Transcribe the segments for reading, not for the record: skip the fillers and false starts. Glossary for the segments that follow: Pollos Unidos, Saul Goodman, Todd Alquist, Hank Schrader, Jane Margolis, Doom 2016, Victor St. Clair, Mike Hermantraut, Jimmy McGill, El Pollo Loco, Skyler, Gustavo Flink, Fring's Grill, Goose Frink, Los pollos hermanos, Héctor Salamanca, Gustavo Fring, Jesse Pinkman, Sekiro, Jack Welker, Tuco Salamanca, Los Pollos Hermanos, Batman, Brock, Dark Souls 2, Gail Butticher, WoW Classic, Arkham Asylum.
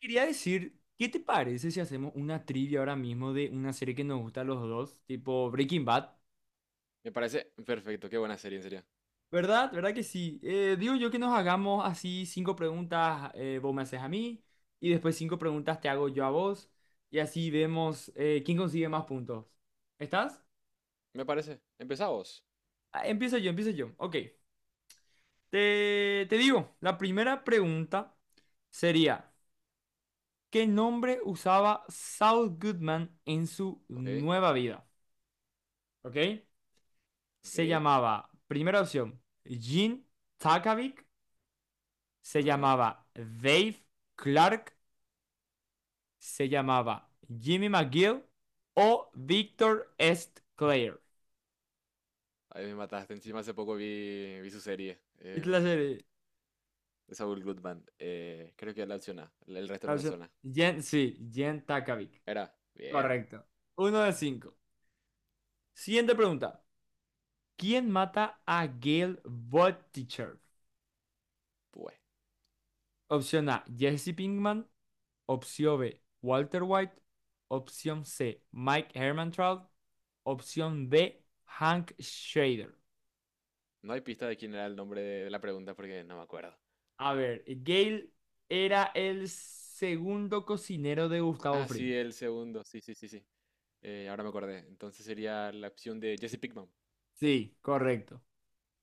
Quería decir, ¿qué te parece si hacemos una trivia ahora mismo de una serie que nos gusta a los dos, tipo Breaking Bad? Me parece perfecto, qué buena serie, en serio. ¿Verdad? ¿Verdad que sí? Digo yo que nos hagamos así cinco preguntas, vos me haces a mí, y después cinco preguntas te hago yo a vos, y así vemos quién consigue más puntos. ¿Estás? Me parece. Empezá vos. Ah, empiezo yo, empiezo yo. Ok. Te digo, la primera pregunta sería, ¿qué nombre usaba Saul Goodman en su Ok, nueva vida? ¿Ok? ok, Se llamaba, primera opción, Jim Takovic, se ajá. llamaba Dave Clark, se llamaba Jimmy McGill o Victor St. Clair. Ahí me mataste. Encima hace poco vi su serie. Es la serie, De Saul Goodman. Creo que la opción A. El resto la no me opción, suena. Jen, sí, Jim Takovic. Era. Bien, Correcto. Uno de cinco. Siguiente pregunta. ¿Quién mata a Gail Butticher? pues. Opción A, Jesse Pinkman. Opción B, Walter White. Opción C, Mike Hermantraut. Opción B, Hank Schrader. No hay pista de quién era el nombre de la pregunta porque no me acuerdo. A ver, Gale era el segundo cocinero de Gustavo Ah, Fring. sí, el segundo. Sí, sí, sí, sí. Ahora me acordé. Entonces sería la opción de Jesse Pinkman. Sí, correcto.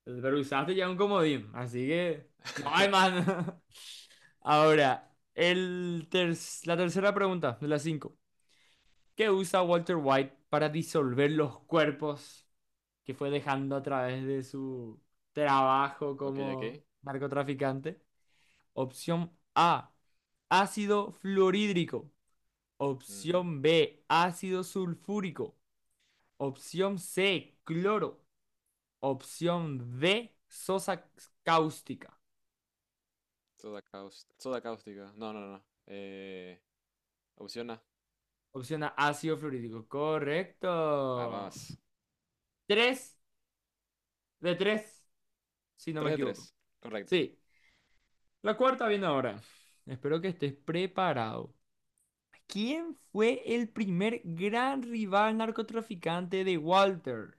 Pero usaste ya un comodín, así que no hay más. Ahora, la tercera pregunta de las cinco. ¿Qué usa Walter White para disolver los cuerpos que fue dejando a través de su trabajo Ok, ok. como narcotraficante? Opción A, ácido fluorhídrico. Ujú. Opción B, ácido sulfúrico. Opción C, cloro. Opción D, sosa cáustica. Soda caus- soda cáustica. No, no, no. No. Opción A. Opción A, ácido fluorhídrico. Correcto. Vamos. Tres de tres, si no me Tres de equivoco. tres, correcto. Sí, la cuarta viene ahora. Espero que estés preparado. ¿Quién fue el primer gran rival narcotraficante de Walter?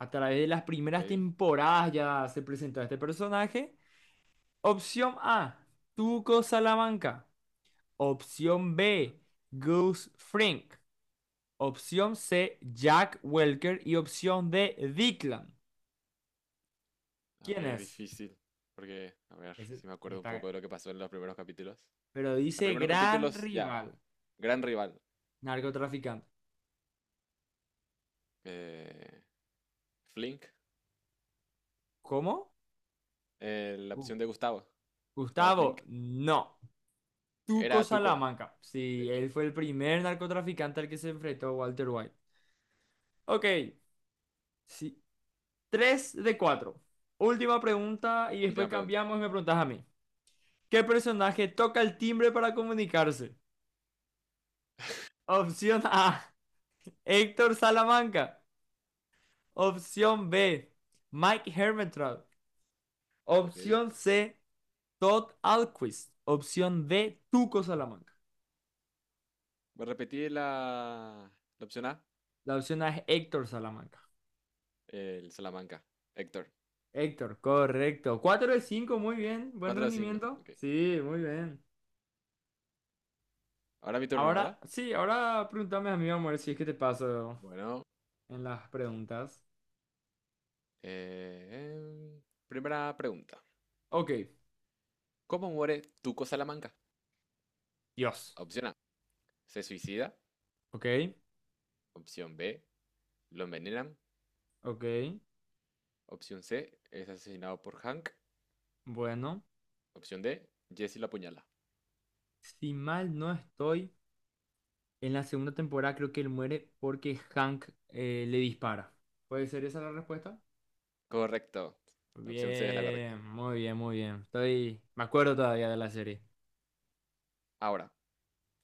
A través de las primeras Ok. temporadas ya se presentó este personaje. Opción A, Tuco Salamanca. Opción Ujú. B, Goose Frink. Opción C, Jack Welker. Y opción D, Declan. A ¿Quién ver, es? difícil. Porque, a ver, Ese si me ya acuerdo un poco está. de lo que pasó en los primeros capítulos. Pero Los dice primeros gran capítulos, ya, rival, gran rival. narcotraficante. eh, Flink, ¿Cómo? La Uh, opción de Gustavo. Gustavo Flink. Gustavo, no. Tuco Era Tuco. Salamanca. Ok, Sí, él fue el primer narcotraficante al que se enfrentó Walter White. Ok, sí. Tres de cuatro. Última pregunta y última después pregunta. cambiamos y me preguntas a mí. ¿Qué personaje toca el timbre para comunicarse? Opción A, Héctor Salamanca. Opción B, Mike Hermetrout. Ok. Opción C, Todd Alquist. Opción D, Tuco Salamanca. Voy a la opción A. La opción A es Héctor Salamanca. El Salamanca. Héctor. Héctor, correcto. Cuatro de cinco, muy bien. Buen Cuatro a cinco. rendimiento. Ok. Sí, muy bien. Ahora mi turno, ¿verdad? Ahora, sí, ahora pregúntame a mí, amor, si es que te paso Bueno. en las preguntas. eh, em, Primera pregunta. Ok, ¿Cómo muere Tuco Salamanca? Dios. Opción A, se suicida. Ok, Opción B, lo envenenan. ok, Opción C, es asesinado por Hank. bueno. Opción D, Jesse lo apuñala. Si mal no estoy, en la segunda temporada creo que él muere porque Hank le dispara. ¿Puede ser esa la respuesta? Correcto. La opción C es la correcta. Bien, muy bien, muy bien. Estoy. Me acuerdo todavía de la serie. Ahora,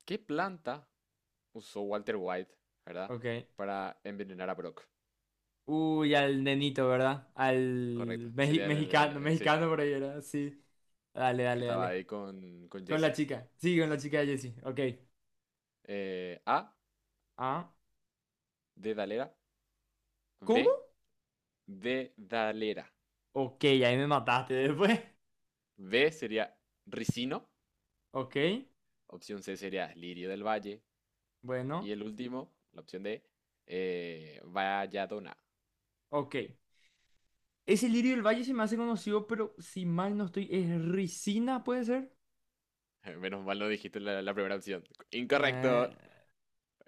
¿qué planta usó Walter White, verdad, Ok. para envenenar a Brock? Uy, al nenito, ¿verdad? Correcto. Sería Mexicano, sí, mexicano por ahí, ¿verdad? Sí. Dale, que dale, estaba dale. ahí con Con la Jesse. chica. Sí, con la chica de Jessie. Ok. A, Ah. de ¿Cómo? B, de Ok, ahí me mataste después. B sería ricino. Ok. Opción C sería lirio del valle. Bueno, Y el último, la opción D, Valladona. ok. Ese lirio del valle se me hace conocido, pero si mal no estoy, es Ricina, ¿puede ser? Menos mal no dijiste la primera opción. Eh, Incorrecto.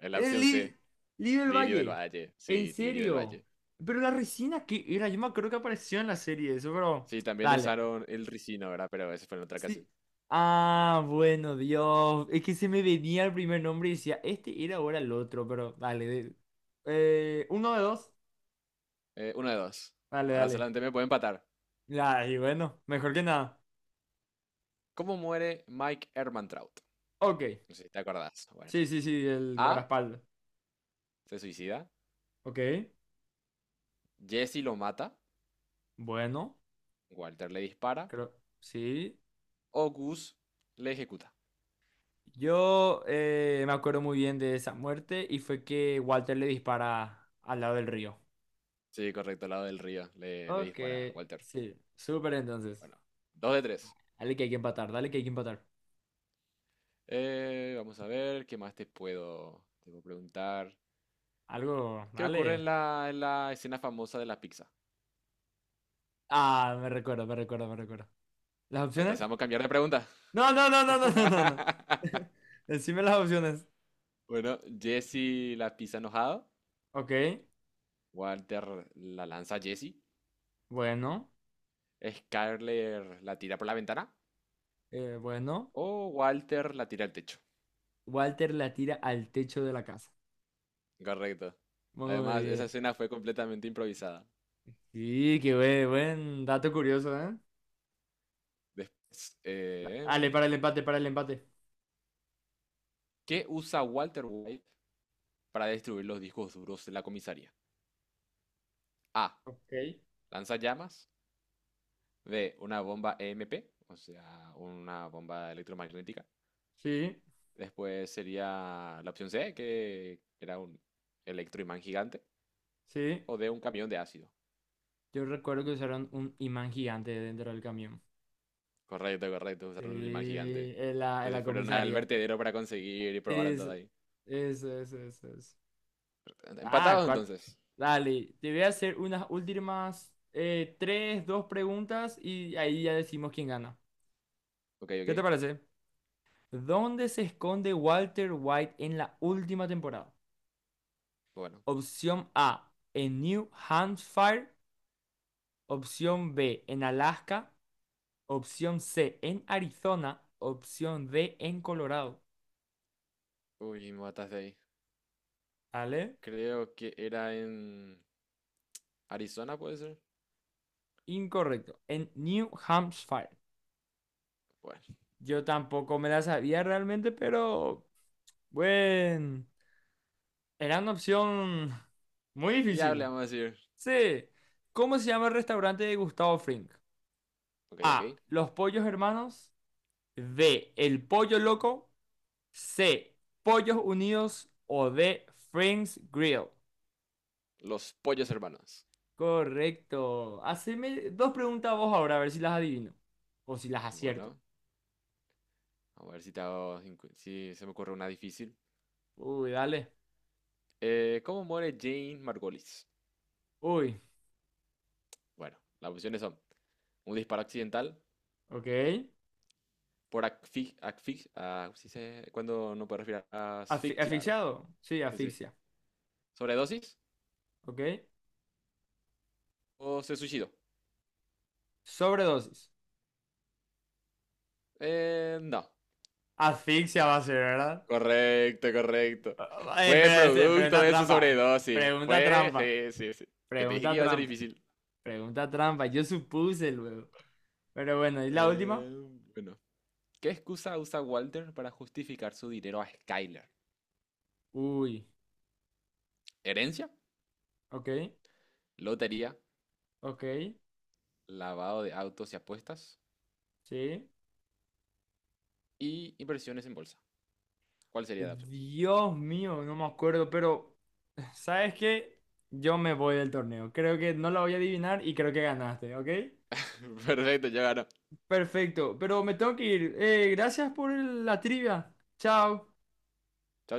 La el opción li- C, Lirio del lirio del valle. valle. En Sí, lirio del serio. valle. Pero la resina, ¿qué era? Yo me acuerdo que apareció en la serie eso, pero... Sí, también Dale. usaron el ricino, ¿verdad? Pero eso fue en otra Sí. ocasión. Ah, bueno, Dios. Es que se me venía el primer nombre y decía, este era ahora el otro, pero dale. Uno de dos. Uno de dos. Dale, Ahora dale. solamente me puedo empatar. Ya, y bueno, mejor que nada. ¿Cómo muere Mike Hermantraut? Ok. No sé si te acordás. Bueno. Sí, sí, sí, el A. guardaespaldas. Se suicida. Ok. Jesse lo mata. Bueno, Walter le dispara. creo, sí. O Gus le ejecuta. Yo me acuerdo muy bien de esa muerte y fue que Walter le dispara al lado del río. Sí, correcto, al lado del río. Le Ok, dispara a Walter. sí, súper entonces. Bueno, dos de tres. Dale que hay que empatar, dale que hay que empatar. Vamos a ver, ¿qué más te puedo preguntar? Algo, ¿Qué ocurre dale. en en la escena famosa de la pizza? Ah, me recuerdo, me recuerdo, me recuerdo. ¿Las opciones? Entonces vamos a cambiar de pregunta. No, no, no, no, no, no, no, no. Decime las opciones. Bueno, Jesse la pizza enojado, Ok, Walter la lanza a Jesse, bueno, Skyler la tira por la ventana bueno. o Walter la tira al techo. Walter la tira al techo de la casa. Correcto. Muy Además, esa bien. escena fue completamente improvisada. Sí, qué buen, buen dato curioso, ¿eh? Después, Dale, para el empate, para el empate. ¿qué usa Walter White para destruir los discos duros de la comisaría? A. Ok. Lanza llamas. B, una bomba EMP, o sea, una bomba electromagnética. Sí, Después sería la opción C, que era un electroimán gigante. sí. O D, un camión de ácido. Yo recuerdo que usaron un imán gigante dentro del camión. Correcto, correcto, Sí, usaron un imán gigante. en la, Que en se la fueron al comisaría. vertedero para conseguir y probaron todo Eso, ahí. eso, eso, eso, eso. Ah, Empatados cua- entonces. Dale, te voy a hacer unas últimas tres, dos preguntas y ahí ya decimos quién gana. Ok, ¿Qué te ok. parece? ¿Dónde se esconde Walter White en la última temporada? Bueno. Opción A, en New Hampshire. Opción B, en Alaska. Opción C en Arizona. Opción D en Colorado. Uy, me mataste ahí. ¿Vale? Creo que era en Arizona, puede ser. Incorrecto. En New Hampshire. Bueno, Yo tampoco me la sabía realmente, pero bueno. Era una opción muy viable, difícil. vamos a decir. C. ¿Cómo se llama el restaurante de Gustavo Fring? Ok, A. ok. Los Pollos Hermanos. B. El Pollo Loco. C. Pollos Unidos. O D. Fring's Grill. Los pollos hermanos. Correcto. Haceme dos preguntas vos ahora, a ver si las adivino. O si las acierto. Bueno, a ver si te hago, si se me ocurre una difícil. Uy, dale. ¿Cómo muere Jane Margolis? Uy, Bueno, las opciones son un disparo accidental, ok. por asfixia, cuando no puede respirar, ah, asfixia, ¿verdad? ¿Asfixiado? Sí, Sí, sí. asfixia. ¿Sobredosis Ok. o se suicidó? Sobredosis. No. Asfixia va a ser, ¿verdad? Correcto, correcto. Ah, Fue pero, este, producto pregunta de su trampa. sobredosis. Pregunta trampa. Fue, sí, sí, sí. Yo te dije que Pregunta iba a ser trampa. difícil. Pregunta trampa. Yo supuse luego. Pero bueno, ¿y la Eh, última? bueno. ¿Qué excusa usa Walter para justificar su dinero a Skyler? Uy, ¿Herencia? ok. Lotería, Ok. lavado de autos y apuestas Sí. y inversiones en bolsa. ¿Cuál sería la opción? Dios mío, no me acuerdo, pero ¿sabes qué? Yo me voy del torneo. Creo que no la voy a adivinar y creo que ganaste, ¿ok? Perfecto, ya ganó. Perfecto, pero me tengo que ir. Gracias por la trivia. Chao. Chao, chao.